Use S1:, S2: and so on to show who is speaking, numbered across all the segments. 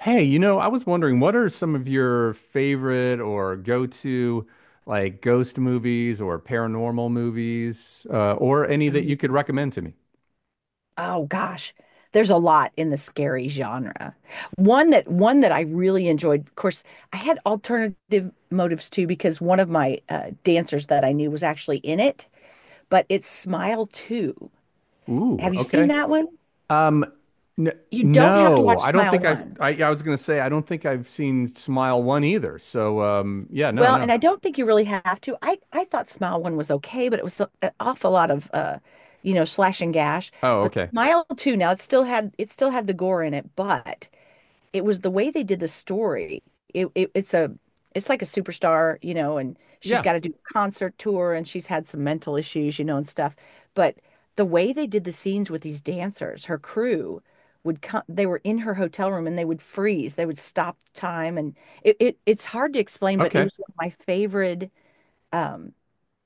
S1: Hey, you know, I was wondering, what are some of your favorite or go-to like ghost movies or paranormal movies, or any that you could
S2: Oh,
S1: recommend to me?
S2: oh gosh. There's a lot in the scary genre. One that I really enjoyed. Of course, I had alternative motives too because one of my dancers that I knew was actually in it, but it's Smile 2.
S1: Ooh,
S2: Have you seen
S1: okay.
S2: that one?
S1: Um, n
S2: You don't have to
S1: No,
S2: watch
S1: I don't
S2: Smile
S1: think
S2: 1.
S1: I. yeah, I was gonna say I don't think I've seen Smile One either. So, yeah, no,
S2: Well,
S1: no.
S2: and I don't think you really have to. I thought Smile One was okay, but it was an awful lot of slash and gash.
S1: Oh,
S2: But
S1: okay.
S2: Smile Two, now it still had the gore in it, but it was the way they did the story. It it's a it's like a superstar, you know, and she's
S1: Yeah,
S2: got to do a concert tour, and she's had some mental issues, you know, and stuff. But the way they did the scenes with these dancers, her crew would come, they were in her hotel room, and they would freeze, they would stop time. And it's hard to explain, but it
S1: okay.
S2: was one of my favorite um,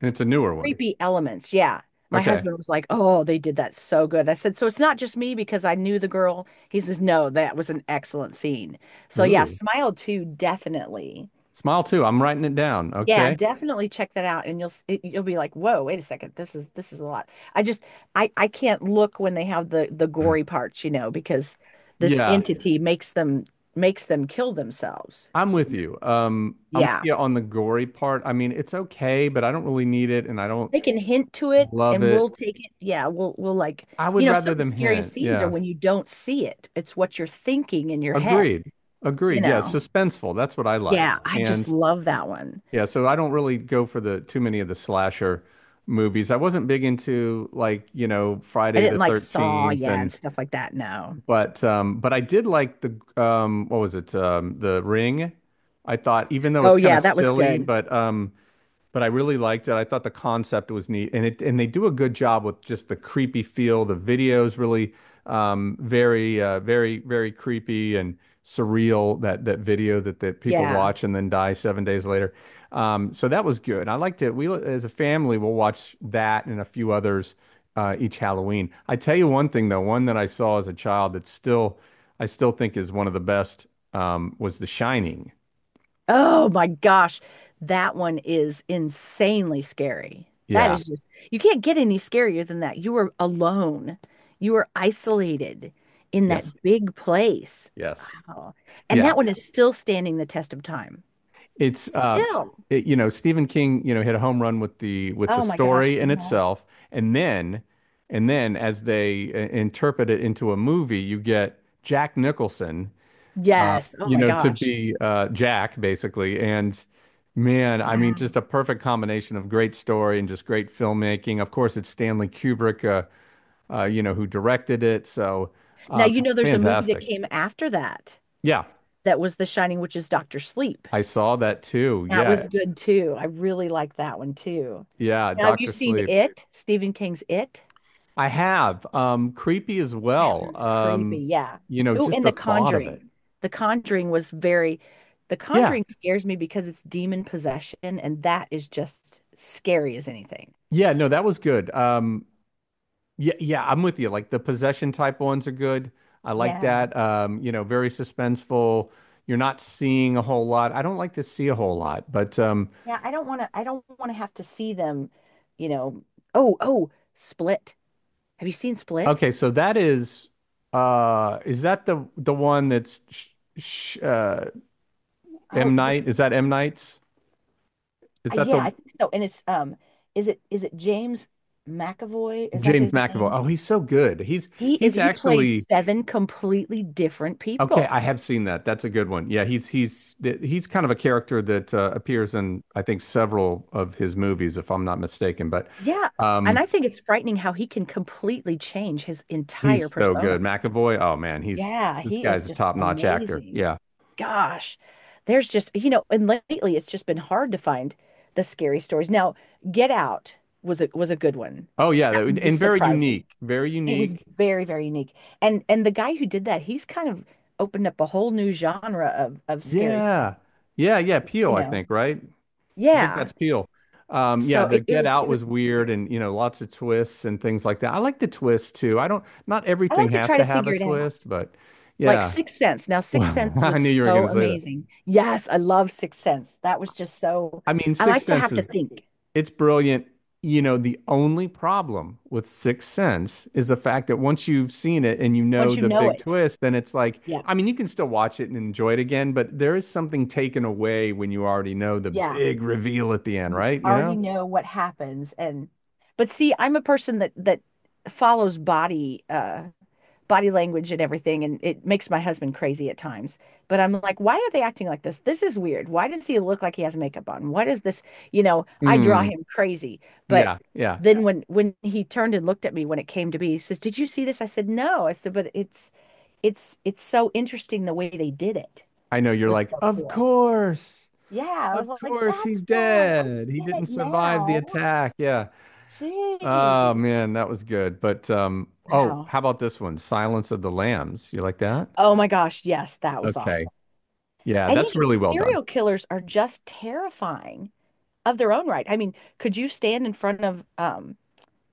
S1: And it's a newer one.
S2: creepy elements. Yeah. My
S1: Okay.
S2: husband was like, "Oh, they did that so good." I said, "So it's not just me because I knew the girl." He says, "No, that was an excellent scene." So yeah,
S1: Ooh,
S2: Smile too, definitely.
S1: Smile Two. I'm writing it down.
S2: Yeah,
S1: Okay.
S2: definitely check that out, and you'll be like, "Whoa, wait a second, this is a lot." I just I can't look when they have the gory parts, you know, because this
S1: Yeah.
S2: entity makes them kill themselves.
S1: I'm
S2: You
S1: with
S2: know?
S1: you. I'm with
S2: Yeah.
S1: you on the gory part. I mean, it's okay, but I don't really need it and I don't
S2: They can hint to it
S1: love
S2: and
S1: it.
S2: we'll take it. Yeah, we'll like,
S1: I would
S2: you know, some
S1: rather
S2: of the
S1: them
S2: scariest
S1: hint.
S2: scenes are
S1: Yeah.
S2: when you don't see it. It's what you're thinking in your head,
S1: Agreed.
S2: you
S1: Agreed. Yeah.
S2: know.
S1: Suspenseful. That's what I like.
S2: Yeah, I just
S1: And
S2: love that one.
S1: yeah, so I don't really go for the too many of the slasher movies. I wasn't big into like, you know,
S2: I
S1: Friday the
S2: didn't like Saw,
S1: 13th
S2: yeah,
S1: and
S2: and stuff like that. No.
S1: but I did like the what was it? The Ring. I thought even though it's
S2: Oh
S1: kind of
S2: yeah, that was
S1: silly,
S2: good.
S1: but I really liked it. I thought the concept was neat, and it and they do a good job with just the creepy feel. The videos really very creepy and surreal. That video that people
S2: Yeah.
S1: watch and then die 7 days later. So that was good. I liked it. We as a family will watch that and a few others each Halloween. I tell you one thing though, one that I saw as a child that still I still think is one of the best was The Shining.
S2: Oh my gosh. That one is insanely scary. That
S1: Yeah.
S2: is just, you can't get any scarier than that. You were alone. You were isolated in
S1: Yes.
S2: that big place.
S1: Yes.
S2: Oh, and
S1: Yeah,
S2: that one is still standing the test of time.
S1: it's uh
S2: Still.
S1: it, you know, Stephen King, you know, hit a home run with the
S2: Oh my gosh.
S1: story
S2: Yeah.
S1: in itself, and then as they interpret it into a movie, you get Jack Nicholson,
S2: Yes. Oh
S1: you
S2: my
S1: know, to
S2: gosh.
S1: be Jack basically. And man, I mean
S2: Wow.
S1: just a perfect combination of great story and just great filmmaking. Of course, it's Stanley Kubrick, you know, who directed it, so
S2: Now, you know,
S1: it's
S2: there's a movie that
S1: fantastic.
S2: came after that,
S1: Yeah,
S2: that was The Shining, which is Doctor Sleep.
S1: I saw that too.
S2: That
S1: Yeah,
S2: was good too. I really like that one too.
S1: yeah,
S2: Now, have you
S1: Dr.
S2: seen
S1: Sleep.
S2: It? Stephen King's It?
S1: I have. Creepy as
S2: That
S1: well.
S2: one's creepy. Yeah.
S1: You know,
S2: Oh,
S1: just
S2: and
S1: the
S2: The
S1: thought of it.
S2: Conjuring. The Conjuring was very, The
S1: Yeah.
S2: Conjuring scares me because it's demon possession, and that is just scary as anything.
S1: Yeah, no, that was good. Yeah, yeah, I'm with you. Like the possession type ones are good. I like
S2: Yeah.
S1: that. You know, very suspenseful. You're not seeing a whole lot. I don't like to see a whole lot, but
S2: Yeah, I don't want to have to see them, you know. Oh, oh, Split. Have you seen Split?
S1: okay, so that is that the one that's sh sh M.
S2: Oh,
S1: Night?
S2: this,
S1: Is that M. Night's? Is that
S2: yeah,
S1: the
S2: I think so. And it's is it, is it James McAvoy? Is that
S1: James
S2: his
S1: McAvoy?
S2: name?
S1: Oh, he's so good. He's
S2: He plays
S1: actually
S2: seven completely different
S1: Okay,
S2: people.
S1: I have seen that. That's a good one. Yeah, he's he's kind of a character that appears in I think several of his movies, if I'm not mistaken. But
S2: Yeah. And
S1: um,
S2: I think it's frightening how he can completely change his entire
S1: he's so
S2: persona.
S1: good. McAvoy. Oh man, he's
S2: Yeah,
S1: this
S2: he is
S1: guy's a
S2: just
S1: top-notch actor.
S2: amazing.
S1: Yeah.
S2: Gosh, there's just, you know, and lately it's just been hard to find the scary stories. Now, Get Out was a good one.
S1: Oh yeah,
S2: That
S1: that,
S2: one
S1: and
S2: was
S1: very
S2: surprising.
S1: unique. Very
S2: It was
S1: unique.
S2: very, very unique. And the guy who did that, he's kind of opened up a whole new genre of scary stuff,
S1: Yeah, yeah, yeah. Peel,
S2: you
S1: I
S2: know.
S1: think, right? I think
S2: Yeah.
S1: that's Peel. Yeah,
S2: So
S1: the
S2: it
S1: Get
S2: was
S1: Out
S2: it was
S1: was weird,
S2: weird.
S1: and you know, lots of twists and things like that. I like the twist too. I don't. Not
S2: I
S1: everything
S2: like to
S1: has
S2: try
S1: to
S2: to
S1: have a
S2: figure it out.
S1: twist, but
S2: Like
S1: yeah.
S2: Sixth Sense. Now, Sixth
S1: Well,
S2: Sense
S1: I knew
S2: was
S1: you were going
S2: so
S1: to say that.
S2: amazing. Yes, I love Sixth Sense. That was just so.
S1: I mean,
S2: I
S1: Sixth
S2: like to
S1: Sense
S2: have to
S1: is
S2: think
S1: it's brilliant. You know, the only problem with Sixth Sense is the fact that once you've seen it and you know
S2: once you
S1: the
S2: know
S1: big
S2: it.
S1: twist, then it's like,
S2: Yeah,
S1: I mean, you can still watch it and enjoy it again, but there is something taken away when you already know the
S2: yeah,
S1: big reveal at the end,
S2: you
S1: right? You
S2: already
S1: know?
S2: know what happens, and but see, I'm a person that follows body body language and everything, and it makes my husband crazy at times, but I'm like, why are they acting like this? This is weird. Why does he look like he has makeup on? What is this, you know? I draw
S1: Mm,
S2: him crazy, but
S1: yeah, yeah.
S2: then Yeah, when he turned and looked at me when it came to be, he says, "Did you see this?" I said, "No." I said, "But it's it's so interesting the way they did it,
S1: I know you're
S2: was
S1: like,
S2: so cool." Yeah, I
S1: of
S2: was like,
S1: course,
S2: that's
S1: he's
S2: why I
S1: dead. He
S2: get
S1: didn't
S2: it
S1: survive the
S2: now.
S1: attack. Yeah. Oh
S2: Jeez.
S1: man, that was good. But oh,
S2: Wow.
S1: how about this one? Silence of the Lambs. You like that?
S2: Oh my gosh, yes, that was
S1: Okay.
S2: awesome.
S1: Yeah,
S2: And you
S1: that's
S2: know,
S1: really well done.
S2: serial killers are just terrifying of their own right. I mean, could you stand in front of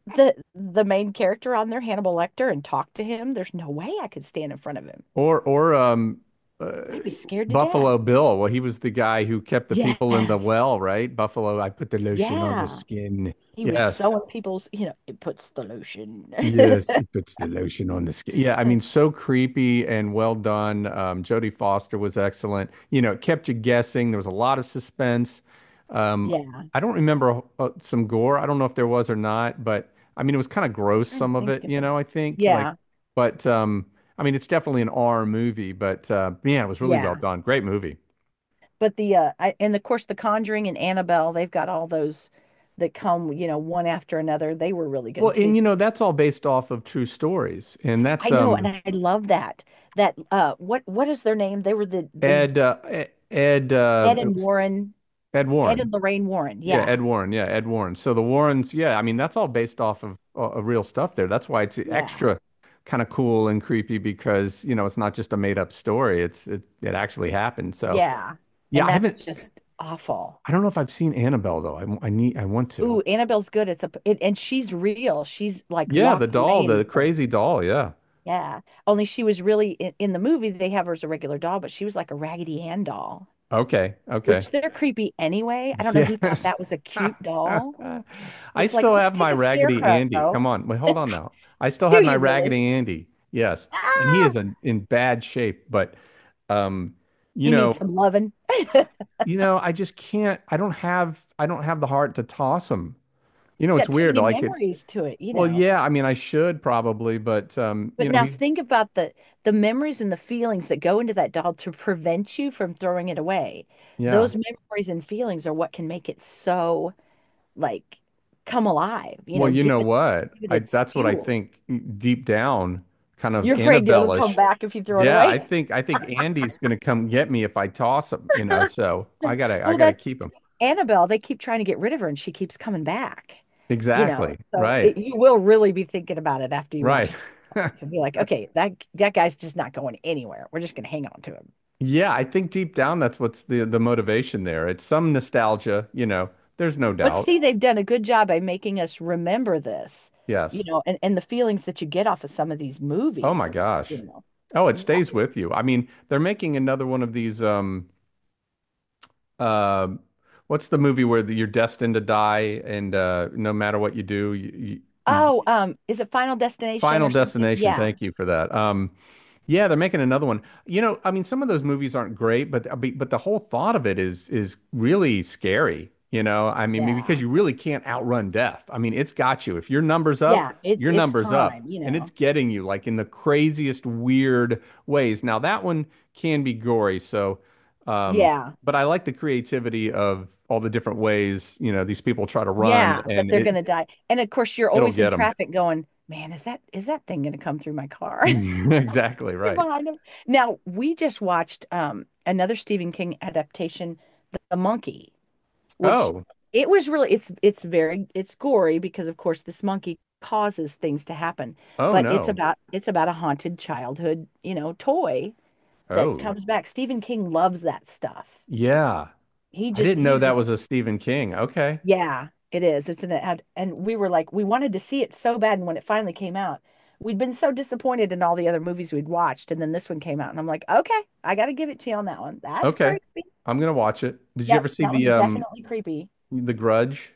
S2: the main character on there, Hannibal Lecter, and talk to him? There's no way I could stand in front of him.
S1: Or uh,
S2: I'd be scared to death.
S1: Buffalo Bill. Well, he was the guy who kept the people in the
S2: Yes.
S1: well, right? Buffalo, I put the lotion on the
S2: Yeah.
S1: skin.
S2: He was
S1: Yes.
S2: sewing people's, you know, it puts the lotion.
S1: Yes, he puts the lotion on the skin. Yeah, I mean, so creepy and well done. Jodie Foster was excellent. You know, it kept you guessing. There was a lot of suspense. Um,
S2: Yeah.
S1: I don't remember some gore. I don't know if there was or not, but I mean, it was kind of gross,
S2: Trying to
S1: some of
S2: think
S1: it, you
S2: of.
S1: know, I think. Like,
S2: Yeah.
S1: but I mean, it's definitely an R movie, but man, it was really well
S2: Yeah.
S1: done. Great movie.
S2: But the I, and of course, The Conjuring and Annabelle, they've got all those that come, you know, one after another. They were really
S1: Well,
S2: good
S1: and
S2: too.
S1: you know, that's all based off of true stories. And that's
S2: I know, and I love that. That what is their name? They were the
S1: Ed, E-, Ed,
S2: Ed
S1: it
S2: and
S1: was
S2: Warren,
S1: Ed
S2: Ed
S1: Warren.
S2: and Lorraine Warren.
S1: Yeah, Ed
S2: Yeah,
S1: Warren. Yeah, Ed Warren. So the Warrens, yeah, I mean that's all based off of real stuff there. That's why it's
S2: yeah,
S1: extra kind of cool and creepy because, you know, it's not just a made up story. It actually happened. So,
S2: yeah.
S1: yeah,
S2: And that's just awful.
S1: I don't know if I've seen Annabelle though. I want to.
S2: Ooh, Annabelle's good. It's a it, and she's real. She's like
S1: Yeah, the
S2: locked
S1: doll,
S2: away in a
S1: the
S2: place.
S1: crazy doll, yeah.
S2: Yeah. Only she was really in the movie. They have her as a regular doll, but she was like a Raggedy Ann doll,
S1: Okay. Okay.
S2: which they're creepy anyway. I don't know who thought
S1: Yes.
S2: that was a cute doll.
S1: I
S2: It's like,
S1: still
S2: let's
S1: have
S2: take
S1: my
S2: a
S1: Raggedy Andy. Come
S2: scarecrow.
S1: on. Wait, hold on now. I still have
S2: Do
S1: my
S2: you really?
S1: Raggedy Andy. Yes. And he is
S2: Ah.
S1: in bad shape, but um, you
S2: He
S1: know,
S2: needs some loving. It
S1: you know, I just can't I don't have the heart to toss him. You know,
S2: has
S1: it's
S2: got too
S1: weird.
S2: many
S1: Like it
S2: memories to it, you
S1: well,
S2: know.
S1: yeah, I mean I should probably, but you
S2: But
S1: know,
S2: now
S1: he
S2: think about the memories and the feelings that go into that doll to prevent you from throwing it away.
S1: yeah.
S2: Those memories and feelings are what can make it so, like, come alive, you
S1: Well,
S2: know,
S1: you know what?
S2: give it
S1: I
S2: its
S1: that's what I
S2: fuel.
S1: think, deep down, kind of
S2: You're afraid it'll come
S1: Annabelle-ish.
S2: back if you throw it
S1: Yeah,
S2: away.
S1: I think Andy's gonna come get me if I toss him, you know, so I
S2: Well,
S1: gotta
S2: that's
S1: keep him.
S2: Annabelle. They keep trying to get rid of her and she keeps coming back, you know.
S1: Exactly.
S2: So it,
S1: Right.
S2: you will really be thinking about it after you watch
S1: Right.
S2: it. He'll be like, okay, that guy's just not going anywhere. We're just going to hang on to him.
S1: Yeah, I think deep down that's what's the motivation there. It's some nostalgia, you know. There's no
S2: But
S1: doubt.
S2: see, they've done a good job by making us remember this, you
S1: Yes.
S2: know, and the feelings that you get off of some of these
S1: Oh
S2: movies
S1: my
S2: are just, you
S1: gosh.
S2: know,
S1: Oh, it stays
S2: yikes.
S1: with you. I mean, they're making another one of these Um, what's the movie where you're destined to die, and no matter what you do, you, you-
S2: Oh, is it Final Destination
S1: Final
S2: or something?
S1: Destination.
S2: Yeah,
S1: Thank you for that. Yeah, they're making another one. You know, I mean, some of those movies aren't great, but the whole thought of it is really scary. You know, I mean,
S2: yeah,
S1: because you really can't outrun death. I mean, it's got you. If your number's up,
S2: yeah.
S1: your
S2: It's
S1: number's
S2: time,
S1: up,
S2: you
S1: and it's
S2: know.
S1: getting you like in the craziest, weird ways. Now that one can be gory, so, um,
S2: Yeah,
S1: but I like the creativity of all the different ways, you know, these people try to run,
S2: yeah, that
S1: and
S2: they're
S1: it
S2: gonna die. And of course, you're
S1: it'll
S2: always
S1: get
S2: in
S1: them.
S2: traffic going, man, is that thing gonna come through my car?
S1: Exactly
S2: You're
S1: right.
S2: behind him. Now, we just watched another Stephen King adaptation, The Monkey, which
S1: Oh,
S2: it was really it's gory because of course this monkey causes things to happen,
S1: oh
S2: but
S1: no,
S2: it's about a haunted childhood, you know, toy that
S1: oh.
S2: comes back. Stephen King loves that stuff.
S1: Yeah. I didn't
S2: He
S1: know that
S2: just
S1: was a Stephen King. Okay.
S2: yeah, it is. It's an ad, and we were like, we wanted to see it so bad. And when it finally came out, we'd been so disappointed in all the other movies we'd watched, and then this one came out, and I'm like, okay, I got to give it to you on that one. That's
S1: Okay.
S2: creepy.
S1: I'm gonna watch it. Did you
S2: Yep,
S1: ever see
S2: that one's definitely creepy.
S1: the Grudge?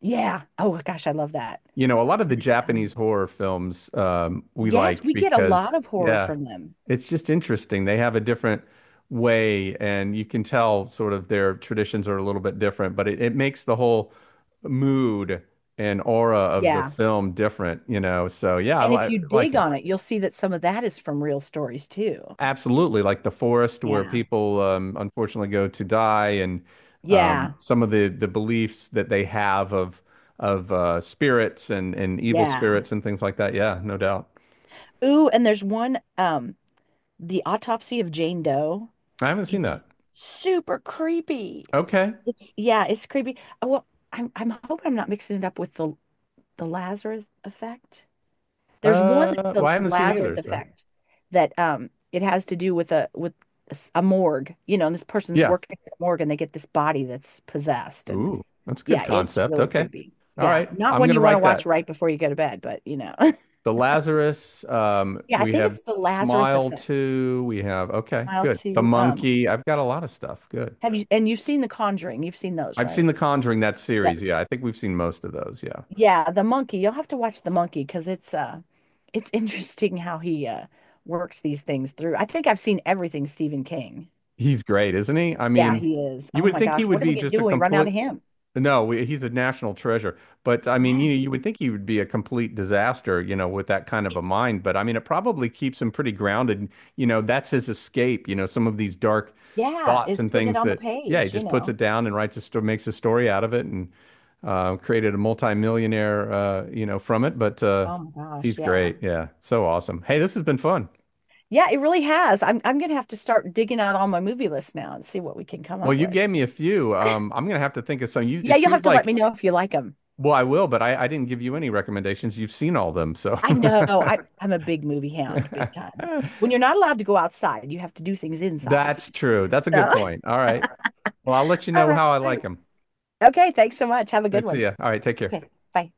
S2: Yeah. Oh gosh, I love that.
S1: You know, a lot of the
S2: And it's
S1: Japanese
S2: so-
S1: horror films we
S2: Yes,
S1: like
S2: we get a lot
S1: because
S2: of horror
S1: yeah,
S2: from them.
S1: it's just interesting. They have a different way and you can tell sort of their traditions are a little bit different, but it makes the whole mood and aura of the
S2: Yeah.
S1: film different, you know. So yeah,
S2: And
S1: I
S2: if
S1: li
S2: you
S1: like
S2: dig
S1: it.
S2: on it, you'll see that some of that is from real stories too.
S1: Absolutely, like the forest where
S2: Yeah.
S1: people unfortunately go to die, and
S2: Yeah.
S1: some of the beliefs that they have of spirits and evil
S2: Yeah.
S1: spirits and things like that. Yeah, no doubt.
S2: Ooh, and there's one, The Autopsy of Jane Doe.
S1: I haven't
S2: It
S1: seen that.
S2: is. Super creepy.
S1: Okay.
S2: It's yeah, it's creepy. Well, I'm hoping I'm not mixing it up with the Lazarus effect. There's one,
S1: Well,
S2: the
S1: I haven't seen
S2: Lazarus
S1: either. So
S2: effect, that it has to do with a a morgue, you know, and this person's
S1: yeah.
S2: working at the morgue and they get this body that's possessed, and
S1: Ooh, that's a good
S2: yeah, it's
S1: concept.
S2: really
S1: Okay.
S2: creepy.
S1: All
S2: Yeah,
S1: right.
S2: not
S1: I'm
S2: one
S1: gonna
S2: you want to
S1: write that.
S2: watch right before you go to bed, but you know.
S1: The Lazarus.
S2: Yeah, I
S1: We
S2: think
S1: have
S2: it's the Lazarus
S1: Smile
S2: effect.
S1: too. We have okay.
S2: Mile
S1: Good. The
S2: to.
S1: monkey. I've got a lot of stuff. Good.
S2: Have you, and you've seen The Conjuring, you've seen those,
S1: I've seen
S2: right?
S1: The Conjuring, that
S2: Yep.
S1: series. Yeah, I think we've seen most of those. Yeah.
S2: Yeah, the monkey. You'll have to watch the monkey because it's interesting how he works these things through. I think I've seen everything Stephen King.
S1: He's great, isn't he? I
S2: Yeah,
S1: mean,
S2: he is.
S1: you
S2: Oh
S1: would
S2: my
S1: think he
S2: gosh,
S1: would
S2: what are we
S1: be
S2: gonna
S1: just
S2: do
S1: a
S2: when we run out
S1: complete,
S2: of him?
S1: no, we- he's a national treasure. But I mean,
S2: Yeah.
S1: you know, you would think he would be a complete disaster, you know, with that kind of a mind. But I mean, it probably keeps him pretty grounded. You know, that's his escape, you know, some of these dark
S2: Yeah,
S1: thoughts
S2: is
S1: and
S2: putting it
S1: things
S2: on the
S1: that, yeah, he
S2: page, you
S1: just puts
S2: know.
S1: it down and writes a story, makes a story out of it and created a multimillionaire, you know, from it. But
S2: Oh my gosh,
S1: he's
S2: yeah.
S1: great. Yeah. So awesome. Hey, this has been fun.
S2: Yeah, it really has. I'm gonna have to start digging out all my movie lists now and see what we can come
S1: Well,
S2: up
S1: you
S2: with.
S1: gave me a few. I'm gonna have to think of some. You,
S2: Yeah,
S1: it
S2: you'll have
S1: seems
S2: to let
S1: like,
S2: me know if you like them.
S1: well, I will, but I didn't give you any recommendations. You've seen all of them, so
S2: I know I'm a big movie hound, big time. When you're not allowed to go outside, you have to do things inside.
S1: that's true. That's a good
S2: So,
S1: point. All right. Well, I'll let you
S2: all
S1: know how I
S2: right.
S1: like them.
S2: Okay, thanks so much. Have a
S1: I
S2: good
S1: see
S2: one.
S1: ya. All right, take care.
S2: Okay, bye.